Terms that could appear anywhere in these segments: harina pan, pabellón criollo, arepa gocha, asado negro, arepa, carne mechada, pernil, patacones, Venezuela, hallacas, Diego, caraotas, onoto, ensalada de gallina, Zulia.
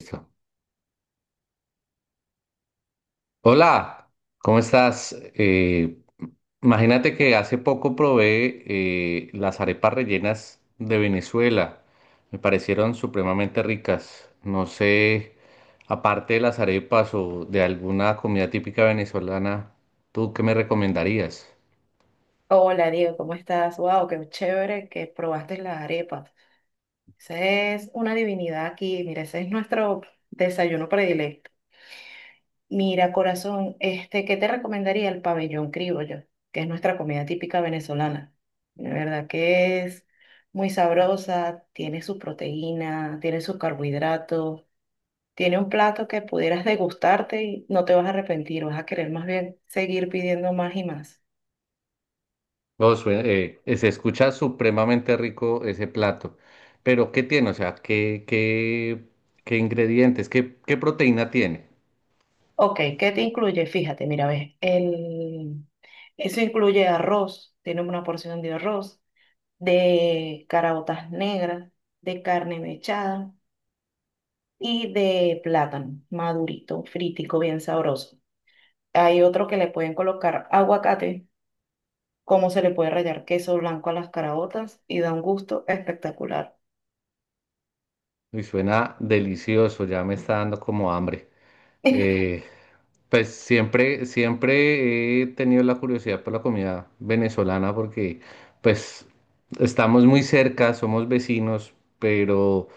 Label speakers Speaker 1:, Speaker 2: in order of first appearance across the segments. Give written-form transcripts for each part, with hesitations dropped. Speaker 1: Listo. Hola, ¿cómo estás? Imagínate que hace poco probé las arepas rellenas de Venezuela. Me parecieron supremamente ricas. No sé, aparte de las arepas o de alguna comida típica venezolana, ¿tú qué me recomendarías?
Speaker 2: Hola Diego, ¿cómo estás? Wow, qué chévere que probaste las arepas. Esa es una divinidad aquí. Mira, ese es nuestro desayuno predilecto. Mira, corazón, ¿qué te recomendaría el pabellón criollo, que es nuestra comida típica venezolana? De verdad que es muy sabrosa, tiene su proteína, tiene sus carbohidratos, tiene un plato que pudieras degustarte y no te vas a arrepentir, vas a querer más bien seguir pidiendo más y más.
Speaker 1: No, se escucha supremamente rico ese plato, pero ¿qué tiene? O sea, ¿qué ingredientes, qué proteína tiene?
Speaker 2: Ok, ¿qué te incluye? Fíjate, mira, ves, eso incluye arroz, tiene una porción de arroz, de caraotas negras, de carne mechada y de plátano madurito, fritico, bien sabroso. Hay otro que le pueden colocar aguacate, como se le puede rallar queso blanco a las caraotas y da un gusto espectacular.
Speaker 1: Y suena delicioso, ya me está dando como hambre. Eh, pues siempre he tenido la curiosidad por la comida venezolana porque pues estamos muy cerca, somos vecinos, pero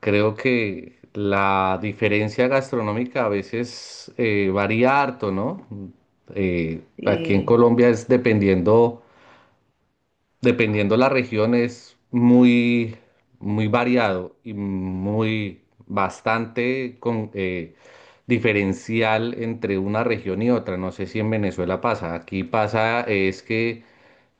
Speaker 1: creo que la diferencia gastronómica a veces varía harto, ¿no? Aquí en
Speaker 2: Sí,
Speaker 1: Colombia es dependiendo la región, es muy, muy variado y muy bastante con, diferencial entre una región y otra. No sé si en Venezuela pasa. Aquí pasa es que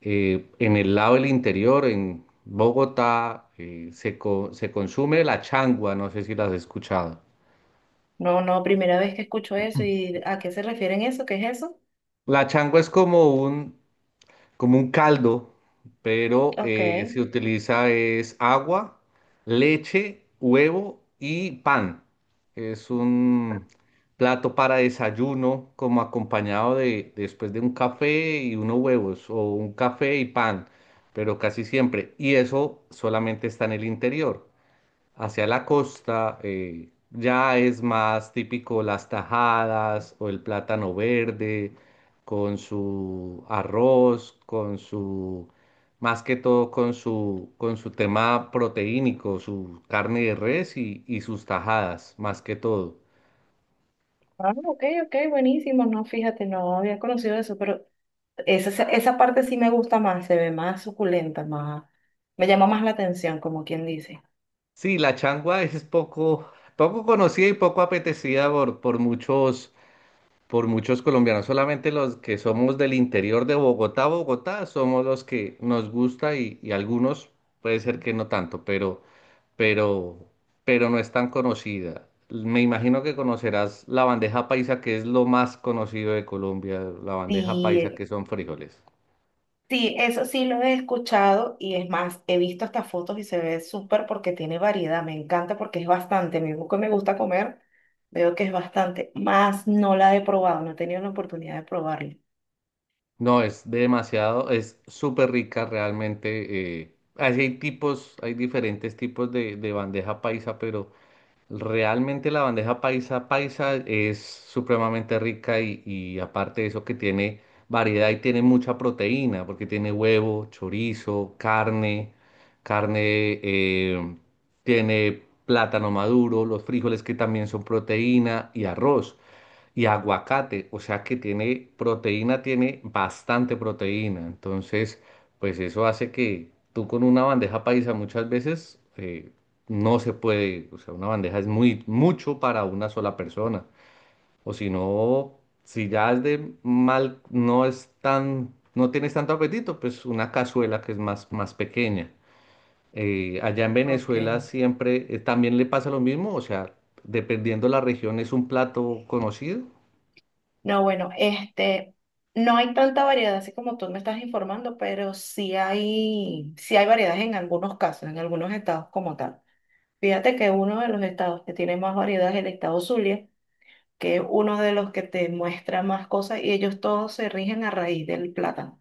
Speaker 1: en el lado del interior, en Bogotá, se consume la changua. No sé si las has escuchado.
Speaker 2: no, no, primera vez que escucho eso y ¿a qué se refieren eso? ¿Qué es eso?
Speaker 1: La changua es como un caldo, pero
Speaker 2: Ok.
Speaker 1: se utiliza es agua, leche, huevo y pan. Es un plato para desayuno, como acompañado de después de un café y unos huevos, o un café y pan, pero casi siempre. Y eso solamente está en el interior. Hacia la costa ya es más típico las tajadas o el plátano verde con su arroz, más que todo con su tema proteínico, su carne de res y sus tajadas, más que todo.
Speaker 2: Ah, ok, ok, buenísimo. No, fíjate, no había conocido eso, pero esa parte sí me gusta más, se ve más suculenta, más, me llama más la atención, como quien dice.
Speaker 1: Sí, la changua es poco conocida y poco apetecida por muchos colombianos, solamente los que somos del interior de Bogotá, somos los que nos gusta y algunos puede ser que no tanto, pero, pero no es tan conocida. Me imagino que conocerás la bandeja paisa, que es lo más conocido de Colombia, la bandeja
Speaker 2: Sí,
Speaker 1: paisa, que son frijoles.
Speaker 2: sí, eso sí lo he escuchado y es más, he visto hasta fotos y se ve súper porque tiene variedad, me encanta porque es bastante, mismo que me gusta comer, veo que es bastante, más no la he probado, no he tenido la oportunidad de probarla.
Speaker 1: No, es demasiado, es súper rica realmente. Así hay tipos, hay diferentes tipos de bandeja paisa, pero realmente la bandeja paisa es supremamente rica y aparte de eso que tiene variedad y tiene mucha proteína, porque tiene huevo, chorizo, carne, eh, tiene plátano maduro, los frijoles que también son proteína y arroz y aguacate, o sea que tiene proteína, tiene bastante proteína. Entonces, pues eso hace que tú con una bandeja paisa muchas veces no se puede, o sea, una bandeja es muy mucho para una sola persona. O si no, si ya es de mal, no es tan, no tienes tanto apetito, pues una cazuela que es más, más pequeña. Allá en
Speaker 2: Ok.
Speaker 1: Venezuela siempre también le pasa lo mismo, o sea, dependiendo la región es un plato conocido.
Speaker 2: No, bueno, no hay tanta variedad así como tú me estás informando, pero sí hay variedad en algunos casos, en algunos estados como tal. Fíjate que uno de los estados que tiene más variedad es el estado Zulia, que es uno de los que te muestra más cosas y ellos todos se rigen a raíz del plátano.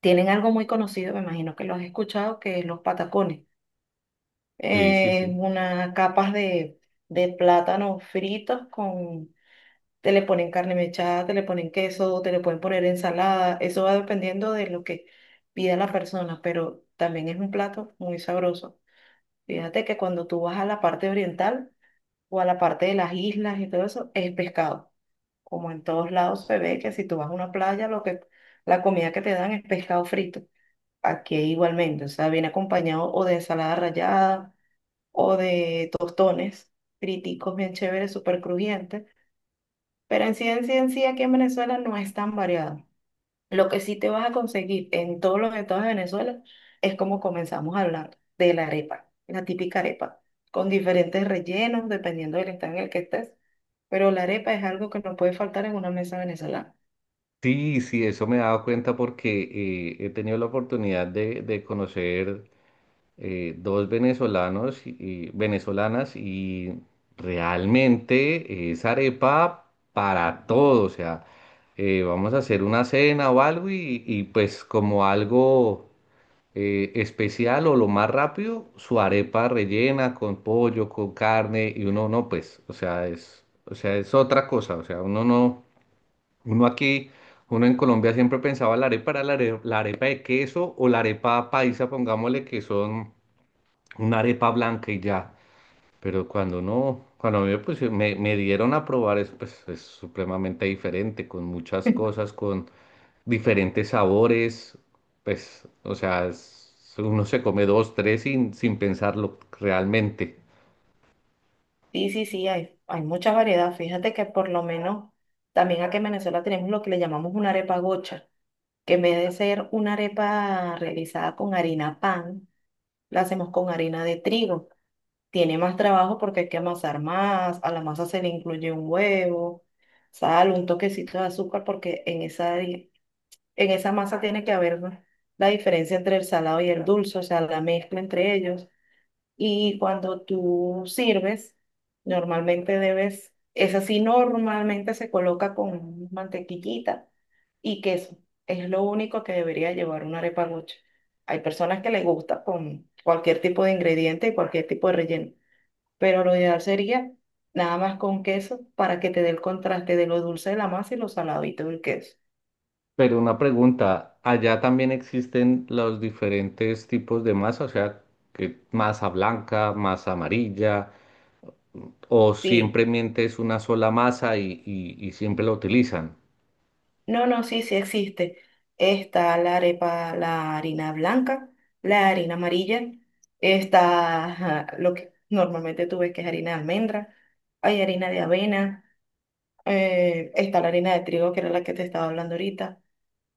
Speaker 2: Tienen algo muy conocido, me imagino que lo has escuchado, que es los patacones.
Speaker 1: Sí, sí,
Speaker 2: Eh,
Speaker 1: sí.
Speaker 2: una capas de plátano fritos te le ponen carne mechada, te le ponen queso, te le pueden poner ensalada, eso va dependiendo de lo que pida la persona, pero también es un plato muy sabroso. Fíjate que cuando tú vas a la parte oriental o a la parte de las islas y todo eso, es pescado. Como en todos lados se ve que si tú vas a una playa, lo que la comida que te dan es pescado frito. Aquí igualmente, o sea, viene acompañado o de ensalada rallada o de tostones friticos bien chéveres, súper crujientes pero en sí, en sí, en sí, aquí en Venezuela no es tan variado. Lo que sí te vas a conseguir en todos los estados de Venezuela es como comenzamos a hablar de la arepa, la típica arepa, con diferentes rellenos dependiendo del estado en el que estés. Pero la arepa es algo que no puede faltar en una mesa venezolana.
Speaker 1: Sí, sí, eso me he dado cuenta porque he tenido la oportunidad de conocer dos venezolanos y venezolanas y realmente es arepa para todo. O sea, vamos a hacer una cena o algo y pues como algo especial o lo más rápido, su arepa rellena con pollo, con carne y uno no, pues, o sea, es otra cosa. O sea, uno no. Uno aquí, uno en Colombia siempre pensaba la arepa era la arepa, de queso o la arepa paisa, pongámosle que son una arepa blanca y ya. Pero cuando no, cuando a mí me dieron a probar eso, pues es supremamente diferente, con muchas cosas, con diferentes sabores, pues, o sea, uno se come dos, tres sin pensarlo realmente.
Speaker 2: Sí, sí, sí, hay mucha variedad. Fíjate que por lo menos también aquí en Venezuela tenemos lo que le llamamos una arepa gocha, que en vez de ser una arepa realizada con harina pan, la hacemos con harina de trigo. Tiene más trabajo porque hay que amasar más, a la masa se le incluye un huevo, sal, un toquecito de azúcar porque en esa masa tiene que haber la diferencia entre el salado y el dulce, o sea, la mezcla entre ellos. Y cuando tú sirves, normalmente debes, esa sí normalmente se coloca con mantequillita y queso. Es lo único que debería llevar una arepa gocha. Hay personas que les gusta con cualquier tipo de ingrediente y cualquier tipo de relleno pero lo ideal sería nada más con queso para que te dé el contraste de lo dulce de la masa y lo saladito del queso.
Speaker 1: Pero una pregunta, ¿allá también existen los diferentes tipos de masa? O sea, que masa blanca, masa amarilla, o
Speaker 2: Sí,
Speaker 1: simplemente es una sola masa y siempre la utilizan.
Speaker 2: no, no, sí, sí existe. Está la arepa, la harina blanca, la harina amarilla, está ajá, lo que normalmente tú ves que es harina de almendra, hay harina de avena, está la harina de trigo, que era la que te estaba hablando ahorita,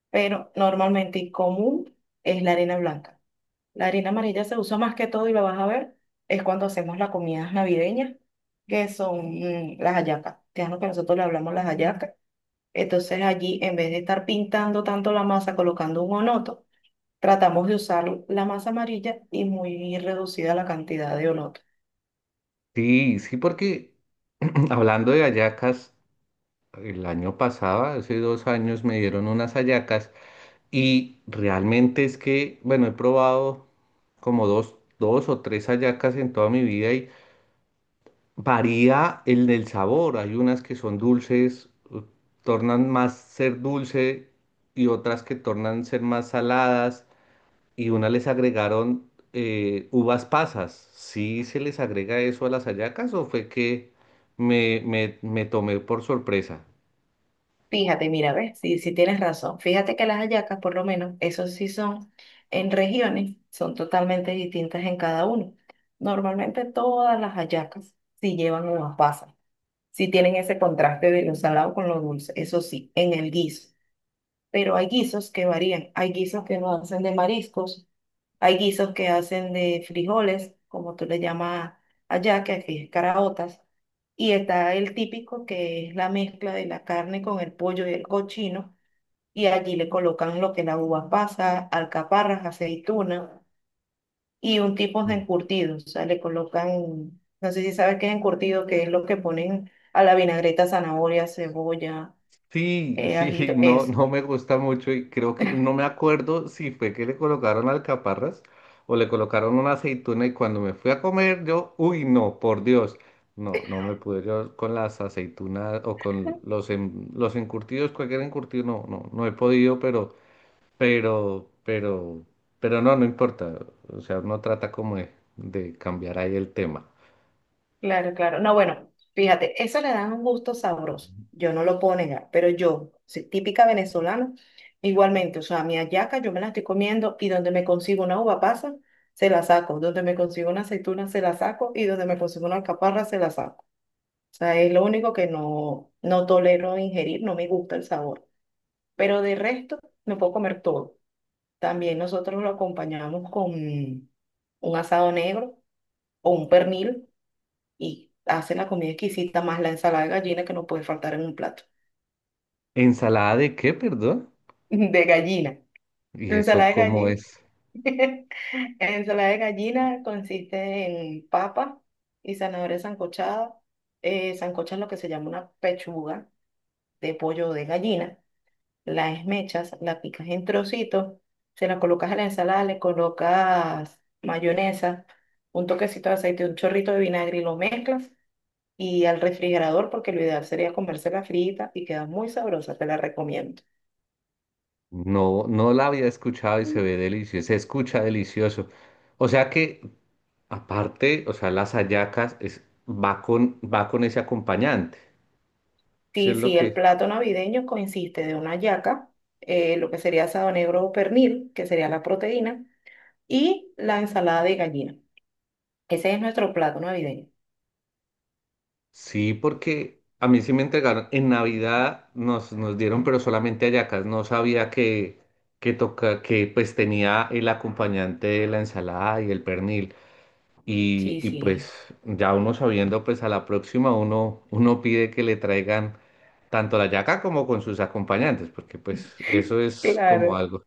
Speaker 2: pero normalmente y común es la harina blanca. La harina amarilla se usa más que todo y lo vas a ver, es cuando hacemos las comidas navideñas, que son las hallacas. Te que nosotros le hablamos las hallacas. Entonces allí, en vez de estar pintando tanto la masa, colocando un onoto, tratamos de usar la masa amarilla y muy reducida la cantidad de onoto.
Speaker 1: Sí, sí, porque hablando de hallacas, el año pasado, hace 2 años, me dieron unas hallacas y realmente es que, bueno, he probado como dos o tres hallacas en toda mi vida. Varía el del sabor. Hay unas que son dulces, tornan más ser dulce y otras que tornan ser más saladas. Y una les agregaron uvas pasas. ¿Sí se les agrega eso a las hallacas o fue que me tomé por sorpresa?
Speaker 2: Fíjate, mira, ves, sí, sí tienes razón. Fíjate que las hallacas, por lo menos, eso sí son en regiones, son totalmente distintas en cada uno. Normalmente todas las hallacas sí llevan unas pasas. Sí tienen ese contraste de lo salado con lo dulce, eso sí, en el guiso. Pero hay guisos que varían, hay guisos que no hacen de mariscos, hay guisos que hacen de frijoles, como tú le llamas allá, que aquí es caraotas, y está el típico que es la mezcla de la carne con el pollo y el cochino, y allí le colocan lo que es la uva pasa, alcaparras, aceituna y un tipo de encurtido, o sea, le colocan, no sé si sabes qué es encurtido, que es lo que ponen a la vinagreta, zanahoria, cebolla,
Speaker 1: Sí, sí,
Speaker 2: ajito,
Speaker 1: no,
Speaker 2: eso.
Speaker 1: no me gusta mucho y creo que no me acuerdo si fue que le colocaron alcaparras o le colocaron una aceituna y cuando me fui a comer yo, uy, no, por Dios, no, no me pude yo con las aceitunas o con los encurtidos, cualquier encurtido, no, no, no he podido, pero, pero, pero no, no importa, o sea, uno trata como de cambiar ahí el tema.
Speaker 2: Claro, claro. No, bueno, fíjate, eso le da un gusto sabroso. Yo no lo puedo negar, pero yo, soy típica venezolana, igualmente, o sea, mi hallaca yo me la estoy comiendo y donde me consigo una uva pasa, se la saco, donde me consigo una aceituna, se la saco y donde me consigo una alcaparra, se la saco. O sea, es lo único que no tolero ingerir, no me gusta el sabor. Pero de resto, me puedo comer todo. También nosotros lo acompañamos con un asado negro o un pernil y hacen la comida exquisita más la ensalada de gallina que no puede faltar en un plato.
Speaker 1: ¿Ensalada de qué, perdón?
Speaker 2: De gallina.
Speaker 1: ¿Y
Speaker 2: Ensalada
Speaker 1: eso
Speaker 2: de
Speaker 1: cómo
Speaker 2: gallina.
Speaker 1: es?
Speaker 2: Ensalada de gallina consiste en papa y zanahoria sancochada. Sancocha es lo que se llama una pechuga de pollo de gallina la esmechas, la picas en trocitos, se la colocas a la ensalada, le colocas mayonesa, un toquecito de aceite, un chorrito de vinagre y lo mezclas y al refrigerador porque lo ideal sería comérsela frita y queda muy sabrosa, te la recomiendo.
Speaker 1: No, no la había escuchado y se
Speaker 2: Mm.
Speaker 1: ve delicioso, se escucha delicioso. O sea que, aparte, o sea, las hallacas va con ese acompañante. Sí, es
Speaker 2: Sí,
Speaker 1: lo
Speaker 2: sí, el
Speaker 1: que.
Speaker 2: plato navideño consiste de una yaca, lo que sería asado negro o pernil, que sería la proteína, y la ensalada de gallina. Ese es nuestro plato navideño.
Speaker 1: Sí, porque a mí sí me entregaron. En Navidad nos dieron, pero solamente hallacas. No sabía que pues tenía el acompañante de la ensalada y el pernil. Y,
Speaker 2: Sí,
Speaker 1: y
Speaker 2: sí.
Speaker 1: pues ya uno sabiendo, pues a la próxima uno pide que le traigan tanto la yaca como con sus acompañantes, porque pues eso es como
Speaker 2: Claro.
Speaker 1: algo.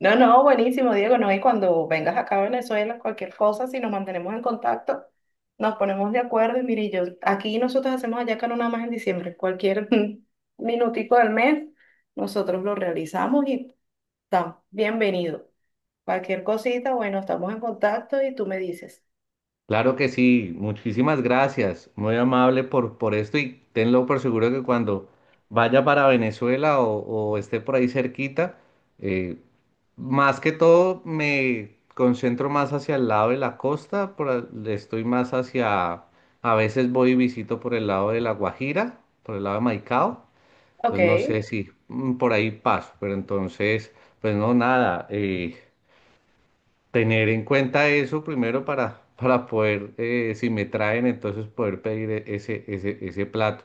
Speaker 2: No, no, buenísimo, Diego. No, y cuando vengas acá a Venezuela, cualquier cosa, si nos mantenemos en contacto, nos ponemos de acuerdo. Y mire, yo aquí nosotros hacemos hallaca no nada más en diciembre, cualquier minutico del mes, nosotros lo realizamos y está bienvenido. Cualquier cosita, bueno, estamos en contacto y tú me dices,
Speaker 1: Claro que sí, muchísimas gracias, muy amable por esto y tenlo por seguro que cuando vaya para Venezuela o esté por ahí cerquita, eh, más que todo me concentro más hacia el lado de la costa, estoy más hacia, a veces voy y visito por el lado de La Guajira, por el lado de Maicao,
Speaker 2: ok,
Speaker 1: entonces no sé si por ahí paso, pero entonces, pues no, nada. Tener en cuenta eso primero para poder, si me traen, entonces poder pedir ese plato.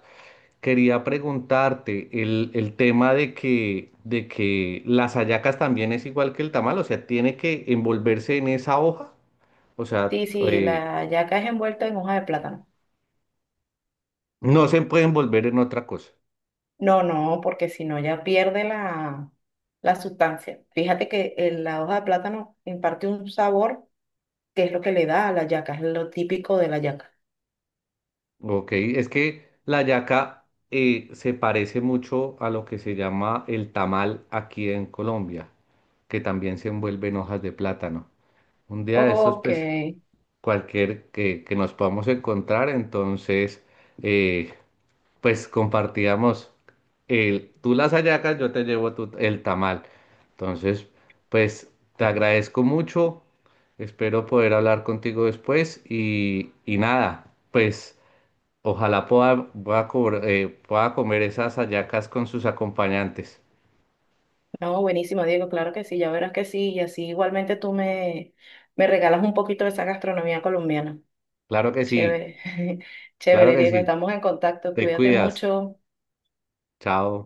Speaker 1: Quería preguntarte el tema de que las hallacas también es igual que el tamal, o sea, tiene que envolverse en esa hoja, o sea,
Speaker 2: sí, sí, la hallaca es envuelta en hoja de plátano.
Speaker 1: no se puede envolver en otra cosa,
Speaker 2: No, no, porque si no ya pierde la sustancia. Fíjate que la hoja de plátano imparte un sabor, que es lo que le da a la yaca, es lo típico de la yaca.
Speaker 1: ¿ok? Es que la hallaca se parece mucho a lo que se llama el tamal aquí en Colombia, que también se envuelve en hojas de plátano. Un día de estos,
Speaker 2: Ok.
Speaker 1: pues, cualquier que nos podamos encontrar, entonces, eh, pues compartíamos tú las hallacas, yo te llevo el tamal. Entonces, pues, te agradezco mucho, espero poder hablar contigo después y nada, pues, ojalá pueda comer esas hallacas con sus acompañantes.
Speaker 2: No, buenísimo, Diego, claro que sí, ya verás que sí, y así igualmente tú me regalas un poquito de esa gastronomía colombiana.
Speaker 1: Claro que sí,
Speaker 2: Chévere,
Speaker 1: claro
Speaker 2: chévere,
Speaker 1: que
Speaker 2: Diego,
Speaker 1: sí,
Speaker 2: estamos en contacto,
Speaker 1: te
Speaker 2: cuídate
Speaker 1: cuidas,
Speaker 2: mucho.
Speaker 1: chao.